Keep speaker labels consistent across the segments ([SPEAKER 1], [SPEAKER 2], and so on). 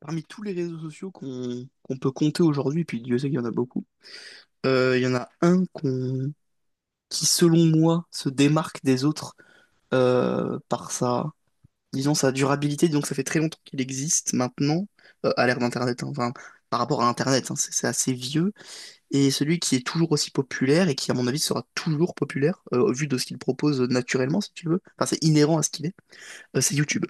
[SPEAKER 1] Parmi tous les réseaux sociaux qu'on peut compter aujourd'hui, puis Dieu sait qu'il y en a beaucoup, il y en a un qu'on qui, selon moi, se démarque des autres par sa, disons, sa durabilité. Donc ça fait très longtemps qu'il existe maintenant, à l'ère d'Internet, hein. Enfin, par rapport à Internet, hein, c'est assez vieux. Et celui qui est toujours aussi populaire et qui, à mon avis, sera toujours populaire, au vu de ce qu'il propose naturellement, si tu veux, enfin, c'est inhérent à ce qu'il est, c'est YouTube.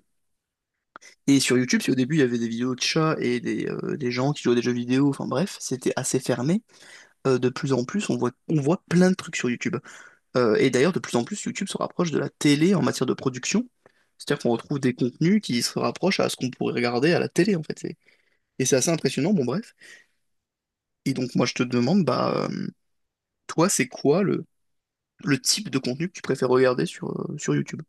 [SPEAKER 1] Et sur YouTube, si au début il y avait des vidéos de chats et des gens qui jouaient à des jeux vidéo, enfin bref, c'était assez fermé. De plus en plus, on voit plein de trucs sur YouTube. Et d'ailleurs, de plus en plus, YouTube se rapproche de la télé en matière de production. C'est-à-dire qu'on retrouve des contenus qui se rapprochent à ce qu'on pourrait regarder à la télé, en fait. Et c'est assez impressionnant, bon bref. Et donc moi je te demande, bah toi, c'est quoi le type de contenu que tu préfères regarder sur, sur YouTube?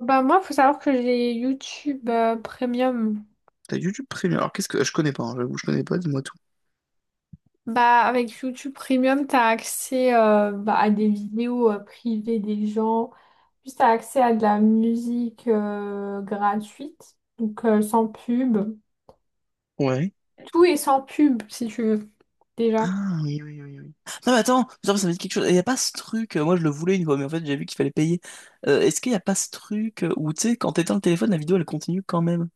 [SPEAKER 2] Bah moi, faut savoir que j'ai YouTube Premium.
[SPEAKER 1] T'as YouTube Premium. Alors qu'est-ce que. Je connais pas, hein, j'avoue, je connais pas, dis-moi tout.
[SPEAKER 2] Bah avec YouTube Premium, t'as accès bah, à des vidéos privées des gens. Puis t'as accès à de la musique gratuite, donc sans pub.
[SPEAKER 1] Ouais.
[SPEAKER 2] Tout est sans pub si tu veux déjà.
[SPEAKER 1] Ah oui, oui, oui, oui. Non, mais attends, ça me dit quelque chose. Il n'y a pas ce truc, moi je le voulais une fois, mais en fait j'ai vu qu'il fallait payer. Est-ce qu'il n'y a pas ce truc où, tu sais, quand t'éteins le téléphone, la vidéo elle continue quand même?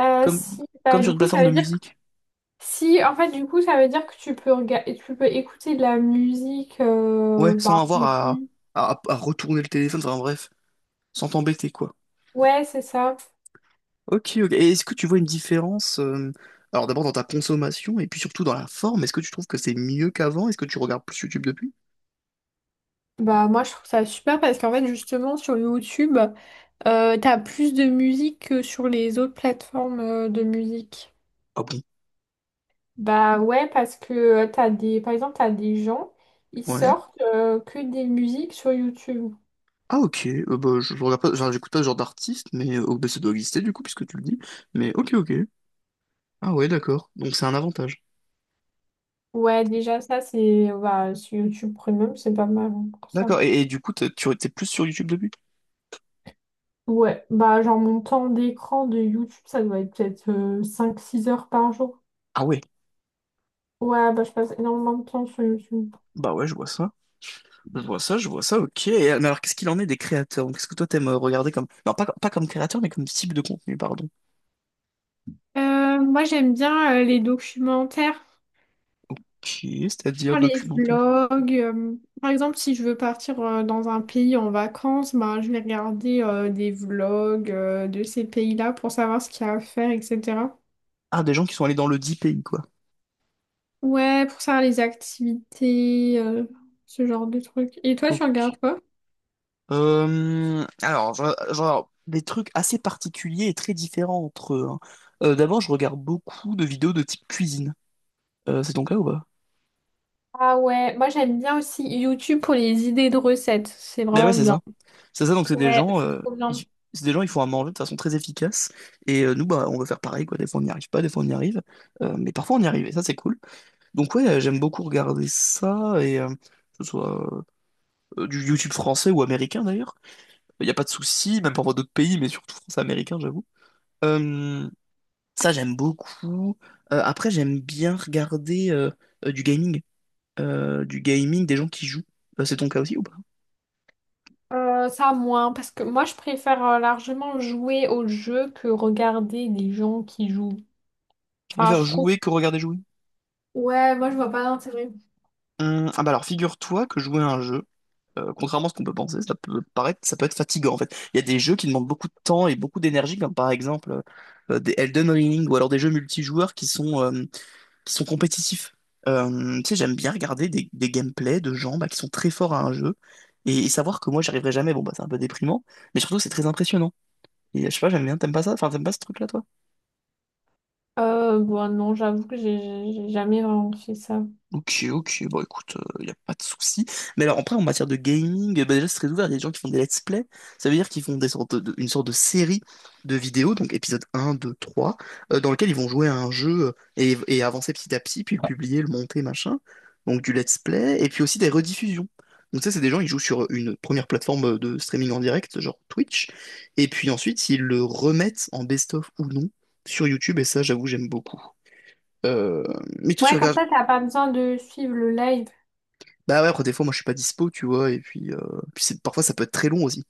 [SPEAKER 1] Comme,
[SPEAKER 2] Si
[SPEAKER 1] comme
[SPEAKER 2] bah
[SPEAKER 1] sur
[SPEAKER 2] du
[SPEAKER 1] une
[SPEAKER 2] coup
[SPEAKER 1] plateforme
[SPEAKER 2] ça
[SPEAKER 1] de
[SPEAKER 2] veut dire que
[SPEAKER 1] musique.
[SPEAKER 2] si, en fait, du coup ça veut dire que tu peux écouter de la musique
[SPEAKER 1] Ouais,
[SPEAKER 2] bah
[SPEAKER 1] sans
[SPEAKER 2] en
[SPEAKER 1] avoir à,
[SPEAKER 2] continu.
[SPEAKER 1] à retourner le téléphone, enfin bref, sans t'embêter quoi.
[SPEAKER 2] Ouais c'est ça.
[SPEAKER 1] Ok, ok. Et est-ce que tu vois une différence, alors d'abord dans ta consommation et puis surtout dans la forme? Est-ce que tu trouves que c'est mieux qu'avant? Est-ce que tu regardes plus YouTube depuis?
[SPEAKER 2] Bah moi je trouve ça super parce qu'en fait justement sur YouTube t'as plus de musique que sur les autres plateformes de musique.
[SPEAKER 1] Ah
[SPEAKER 2] Bah ouais parce que t'as des par exemple t'as des gens ils
[SPEAKER 1] bon?
[SPEAKER 2] sortent que des musiques sur YouTube.
[SPEAKER 1] Ah ok, bah, je regarde pas, genre, j'écoute pas ce genre d'artiste, mais oh, bah, ça doit exister du coup, puisque tu le dis. Mais ok, ok. Ah ouais, d'accord. Donc c'est un avantage.
[SPEAKER 2] Ouais déjà ça c'est bah sur YouTube Premium c'est pas mal hein, pour ça.
[SPEAKER 1] D'accord, et du coup, tu étais plus sur YouTube depuis?
[SPEAKER 2] Ouais bah genre mon temps d'écran de YouTube ça doit être peut-être 5-6 heures par jour.
[SPEAKER 1] Ah ouais,
[SPEAKER 2] Ouais bah je passe énormément de temps sur YouTube.
[SPEAKER 1] bah ouais, je vois ça. Je vois ça, je vois ça, ok. Et, mais alors qu'est-ce qu'il en est des créateurs? Donc, qu'est-ce que toi t'aimes regarder comme... Non, pas, pas comme créateur, mais comme type de contenu, pardon.
[SPEAKER 2] Moi j'aime bien les documentaires.
[SPEAKER 1] Ok, c'est-à-dire
[SPEAKER 2] Genre les
[SPEAKER 1] documentaire.
[SPEAKER 2] vlogs. Par exemple, si je veux partir dans un pays en vacances, bah, je vais regarder des vlogs de ces pays-là pour savoir ce qu'il y a à faire, etc.
[SPEAKER 1] Ah, des gens qui sont allés dans le deep pays, quoi.
[SPEAKER 2] Ouais, pour savoir les activités, ce genre de trucs. Et toi, tu regardes
[SPEAKER 1] Ok,
[SPEAKER 2] quoi?
[SPEAKER 1] Alors, genre, des trucs assez particuliers et très différents entre eux. Hein. D'abord, je regarde beaucoup de vidéos de type cuisine. C'est ton cas ou pas?
[SPEAKER 2] Ah ouais, moi j'aime bien aussi YouTube pour les idées de recettes. C'est
[SPEAKER 1] Ben ouais,
[SPEAKER 2] vraiment
[SPEAKER 1] c'est
[SPEAKER 2] bien.
[SPEAKER 1] ça. C'est ça, donc c'est des
[SPEAKER 2] Ouais,
[SPEAKER 1] gens,
[SPEAKER 2] c'est trop bien.
[SPEAKER 1] ils, c'est des gens, ils font à manger de façon très efficace. Et nous, bah, on veut faire pareil, quoi. Des fois, on n'y arrive pas, des fois, on y arrive. Mais parfois, on y arrive, et ça, c'est cool. Donc ouais, j'aime beaucoup regarder ça, et que ce soit du YouTube français ou américain, d'ailleurs. Il n'y a pas de souci, même parfois d'autres pays, mais surtout français-américain, j'avoue. Euh, Ça, j'aime beaucoup. Après, j'aime bien regarder du gaming. Du gaming, des gens qui jouent. C'est ton cas aussi ou pas?
[SPEAKER 2] Ça moins, parce que moi je préfère largement jouer au jeu que regarder des gens qui jouent.
[SPEAKER 1] Tu
[SPEAKER 2] Enfin, je
[SPEAKER 1] préfères
[SPEAKER 2] trouve
[SPEAKER 1] jouer que regarder jouer?
[SPEAKER 2] Ouais, moi je vois pas d'intérêt.
[SPEAKER 1] Ah bah alors figure-toi que jouer à un jeu, contrairement à ce qu'on peut penser, ça peut paraître, ça peut être fatigant en fait. Il y a des jeux qui demandent beaucoup de temps et beaucoup d'énergie, comme par exemple des Elden Ring ou alors des jeux multijoueurs qui sont compétitifs. Tu sais, j'aime bien regarder des gameplays de gens bah, qui sont très forts à un jeu et savoir que moi, j'y arriverai jamais. Bon, bah, c'est un peu déprimant, mais surtout, c'est très impressionnant. Et je sais pas, j'aime bien. T'aimes pas ça? Enfin, t'aimes pas ce truc-là, toi?
[SPEAKER 2] Bon, non, j'avoue que j'ai jamais vraiment fait ça.
[SPEAKER 1] Ok, ok, bon écoute, il n'y a pas de souci. Mais alors après, en matière de gaming, bah, déjà c'est très ouvert, il y a des gens qui font des let's play, ça veut dire qu'ils font une sorte de série de vidéos, donc épisode un, 2, 3, dans lequel ils vont jouer à un jeu et avancer petit à petit, puis le publier, le monter, machin. Donc du let's play, et puis aussi des rediffusions. Donc ça, c'est des gens, ils jouent sur une première plateforme de streaming en direct, genre Twitch, et puis ensuite, ils le remettent en best-of ou non sur YouTube, et ça, j'avoue, j'aime beaucoup. Euh, Mais toi, tu
[SPEAKER 2] Ouais, comme
[SPEAKER 1] regardes
[SPEAKER 2] ça, t'as pas besoin de suivre le live.
[SPEAKER 1] bah ouais, après des fois moi je suis pas dispo, tu vois, et puis, puis parfois ça peut être très long aussi.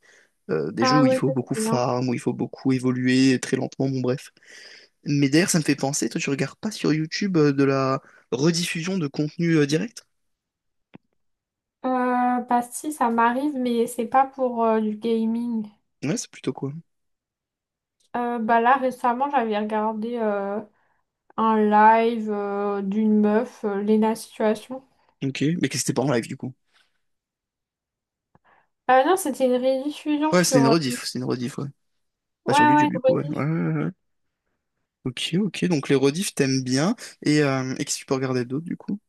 [SPEAKER 1] Des jeux
[SPEAKER 2] Ah
[SPEAKER 1] où il
[SPEAKER 2] ouais,
[SPEAKER 1] faut
[SPEAKER 2] ça
[SPEAKER 1] beaucoup
[SPEAKER 2] c'est bien.
[SPEAKER 1] farm, où il faut beaucoup évoluer très lentement, bon bref. Mais d'ailleurs ça me fait penser, toi tu regardes pas sur YouTube de la rediffusion de contenu direct?
[SPEAKER 2] Bah si, ça m'arrive, mais c'est pas pour du gaming.
[SPEAKER 1] Ouais, c'est plutôt quoi.
[SPEAKER 2] Bah là, récemment, j'avais regardé un live d'une meuf, Lena Situation.
[SPEAKER 1] Ok, mais qu'est-ce que c'était pas en live du coup.
[SPEAKER 2] Ah non, c'était une rediffusion
[SPEAKER 1] Ouais, c'était une
[SPEAKER 2] sur...
[SPEAKER 1] rediff, c'est une rediff, ouais. Pas
[SPEAKER 2] Ouais,
[SPEAKER 1] sur
[SPEAKER 2] ouais,
[SPEAKER 1] YouTube du
[SPEAKER 2] une
[SPEAKER 1] coup, ouais. Ouais,
[SPEAKER 2] rediff.
[SPEAKER 1] ouais, ouais. Ok, ok, donc les rediffs t'aimes bien, et qu'est-ce que tu peux regarder d'autre du coup?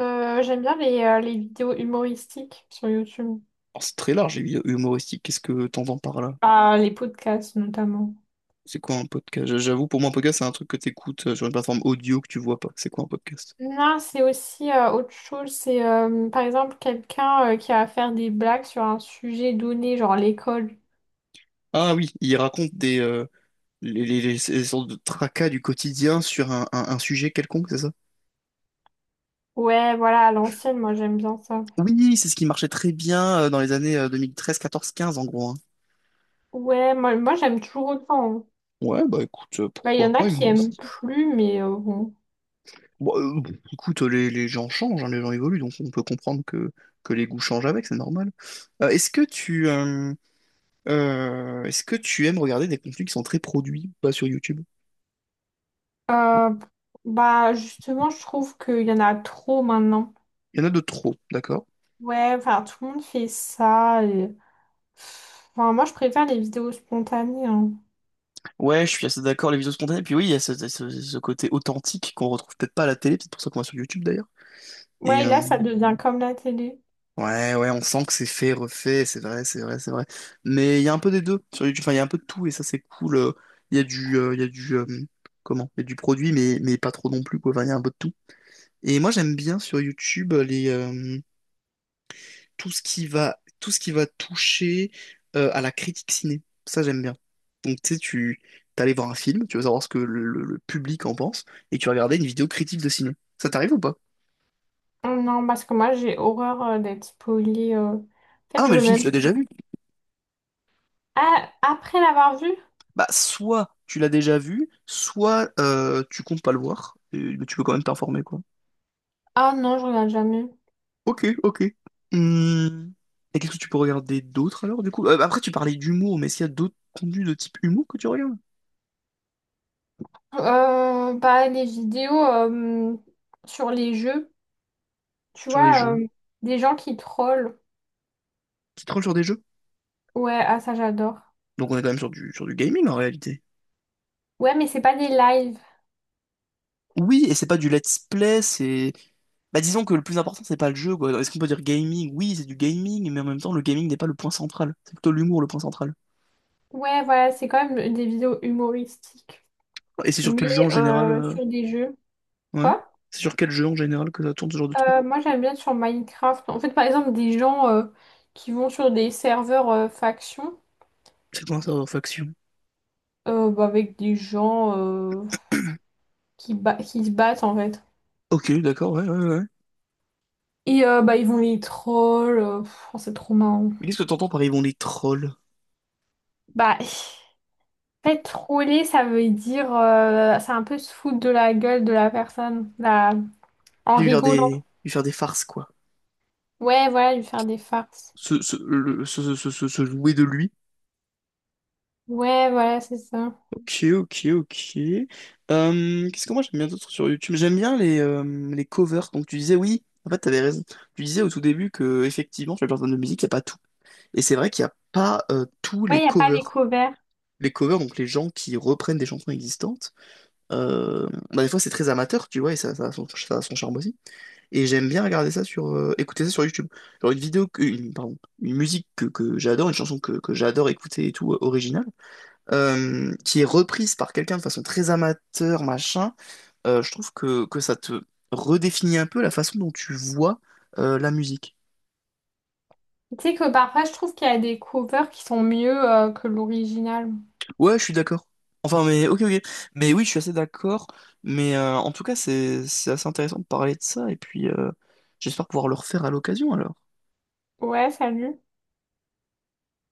[SPEAKER 2] J'aime bien les vidéos humoristiques sur YouTube.
[SPEAKER 1] Alors c'est très large, humoristique, qu'est-ce que t'entends par là?
[SPEAKER 2] Ah, les podcasts notamment.
[SPEAKER 1] C'est quoi un podcast? J'avoue, pour moi, un podcast, c'est un truc que t'écoutes sur une plateforme audio que tu vois pas. C'est quoi un podcast?
[SPEAKER 2] Non, c'est aussi autre chose. C'est par exemple quelqu'un qui a à faire des blagues sur un sujet donné, genre l'école.
[SPEAKER 1] Ah oui, il raconte des ces sortes de tracas du quotidien sur un, un sujet quelconque, c'est ça?
[SPEAKER 2] Ouais, voilà, à l'ancienne, moi j'aime bien ça.
[SPEAKER 1] Oui, c'est ce qui marchait très bien dans les années 2013, 2014, 2015, en gros. Hein.
[SPEAKER 2] Ouais, moi j'aime toujours autant. Hein.
[SPEAKER 1] Ouais, bah écoute,
[SPEAKER 2] Bah, il y
[SPEAKER 1] pourquoi
[SPEAKER 2] en a
[SPEAKER 1] pas
[SPEAKER 2] qui aiment
[SPEAKER 1] humoristique.
[SPEAKER 2] plus, mais bon.
[SPEAKER 1] Bon, écoute, les gens changent, hein, les gens évoluent, donc on peut comprendre que les goûts changent avec, c'est normal. Est-ce que tu est-ce que tu aimes regarder des contenus qui sont très produits, pas sur YouTube?
[SPEAKER 2] Euh, Bah, justement, je trouve qu'il y en a trop maintenant.
[SPEAKER 1] Il y en a de trop, d'accord?
[SPEAKER 2] Ouais, enfin, tout le monde fait ça. Et- Enfin, moi, je préfère les vidéos spontanées. Hein.
[SPEAKER 1] Ouais, je suis assez d'accord, les vidéos spontanées. Puis oui, il y a ce, ce côté authentique qu'on retrouve peut-être pas à la télé, peut-être pour ça qu'on va sur YouTube d'ailleurs. Et
[SPEAKER 2] Ouais, et là, ça devient comme la télé.
[SPEAKER 1] ouais, ouais, on sent que c'est fait, refait, c'est vrai, c'est vrai, c'est vrai. Mais il y a un peu des deux sur YouTube, enfin, il y a un peu de tout et ça, c'est cool. Il y a il y a du, comment? Il y a du produit, mais pas trop non plus, quoi. Enfin, il y a un peu de tout. Et moi, j'aime bien sur YouTube tout ce qui va, tout ce qui va toucher à la critique ciné. Ça, j'aime bien. Donc, tu sais, tu t'allais voir un film, tu veux savoir ce que le public en pense, et tu regardais une vidéo critique de ciné. Ça t'arrive ou pas?
[SPEAKER 2] Non, parce que moi j'ai horreur d'être spoilée. En
[SPEAKER 1] Ah
[SPEAKER 2] fait,
[SPEAKER 1] non,
[SPEAKER 2] je
[SPEAKER 1] mais le
[SPEAKER 2] veux
[SPEAKER 1] film, tu
[SPEAKER 2] même.
[SPEAKER 1] l'as déjà vu.
[SPEAKER 2] Ah, après l'avoir vu?
[SPEAKER 1] Bah, soit tu l'as déjà vu, soit tu comptes pas le voir, et- mais tu peux quand même t'informer, quoi.
[SPEAKER 2] Ah non, je regarde jamais.
[SPEAKER 1] Ok, ok. Hum, et qu'est-ce que tu peux regarder d'autre alors, du coup? Après, tu parlais d'humour, mais est-ce qu'il y a d'autres contenus de type humour que tu regardes?
[SPEAKER 2] Bah, les vidéos sur les jeux, tu
[SPEAKER 1] Sur les
[SPEAKER 2] vois,
[SPEAKER 1] jeux?
[SPEAKER 2] des gens qui trollent.
[SPEAKER 1] Tu te trolles sur des jeux?
[SPEAKER 2] Ouais, ah ça j'adore.
[SPEAKER 1] Donc on est quand même sur du gaming en réalité.
[SPEAKER 2] Ouais, mais c'est pas des lives.
[SPEAKER 1] Oui, et c'est pas du let's play, c'est... Bah disons que le plus important c'est pas le jeu, quoi. Est-ce qu'on peut dire gaming? Oui, c'est du gaming, mais en même temps le gaming n'est pas le point central. C'est plutôt l'humour le point central.
[SPEAKER 2] Ouais, voilà, c'est quand même des vidéos humoristiques.
[SPEAKER 1] Et c'est sur quel
[SPEAKER 2] Mais
[SPEAKER 1] jeu en général
[SPEAKER 2] sur des jeux.
[SPEAKER 1] ouais.
[SPEAKER 2] Quoi?
[SPEAKER 1] C'est sur quel jeu en général que ça tourne ce genre de truc?
[SPEAKER 2] Moi j'aime bien être sur Minecraft. En fait, par exemple, des gens qui vont sur des serveurs factions.
[SPEAKER 1] C'est quoi un serveur faction?
[SPEAKER 2] Bah, avec des gens qui, qui se battent en fait.
[SPEAKER 1] Ok, d'accord, ouais, ouais, ouais.
[SPEAKER 2] Et bah, ils vont les trolls. Oh, c'est trop marrant.
[SPEAKER 1] Mais qu'est-ce que t'entends par ils vont les trolls?
[SPEAKER 2] Bah, en fait, troller, ça veut dire. C'est un peu se foutre de la gueule de la personne là, en rigolant.
[SPEAKER 1] Lui faire des farces, quoi.
[SPEAKER 2] Ouais, voilà, lui faire des farces.
[SPEAKER 1] Se, le- se jouer de lui
[SPEAKER 2] Ouais, voilà, c'est ça.
[SPEAKER 1] ok, ok, ok. Qu'est-ce que moi j'aime bien d'autre sur YouTube? J'aime bien les covers. Donc tu disais oui, en fait t'avais raison. Tu disais au tout début que effectivement sur les plateformes de musique, il n'y a pas tout. Et c'est vrai qu'il n'y a pas tous
[SPEAKER 2] Ouais,
[SPEAKER 1] les
[SPEAKER 2] il n'y a pas les
[SPEAKER 1] covers.
[SPEAKER 2] covers.
[SPEAKER 1] Les covers, donc les gens qui reprennent des chansons existantes, bah, des fois c'est très amateur, tu vois, et ça, ça a son charme aussi. Et j'aime bien regarder ça sur, écouter ça sur YouTube. Genre une vidéo, pardon, une musique que j'adore, une chanson que j'adore écouter et tout, originale qui est reprise par quelqu'un de façon très amateur, machin, je trouve que ça te redéfinit un peu la façon dont tu vois la musique.
[SPEAKER 2] Tu sais que parfois, je trouve qu'il y a des covers qui sont mieux que l'original.
[SPEAKER 1] Ouais, je suis d'accord. Enfin, mais ok, ok. Mais oui, je suis assez d'accord. Mais en tout cas, c'est assez intéressant de parler de ça. Et puis, j'espère pouvoir le refaire à l'occasion alors.
[SPEAKER 2] Ouais, salut.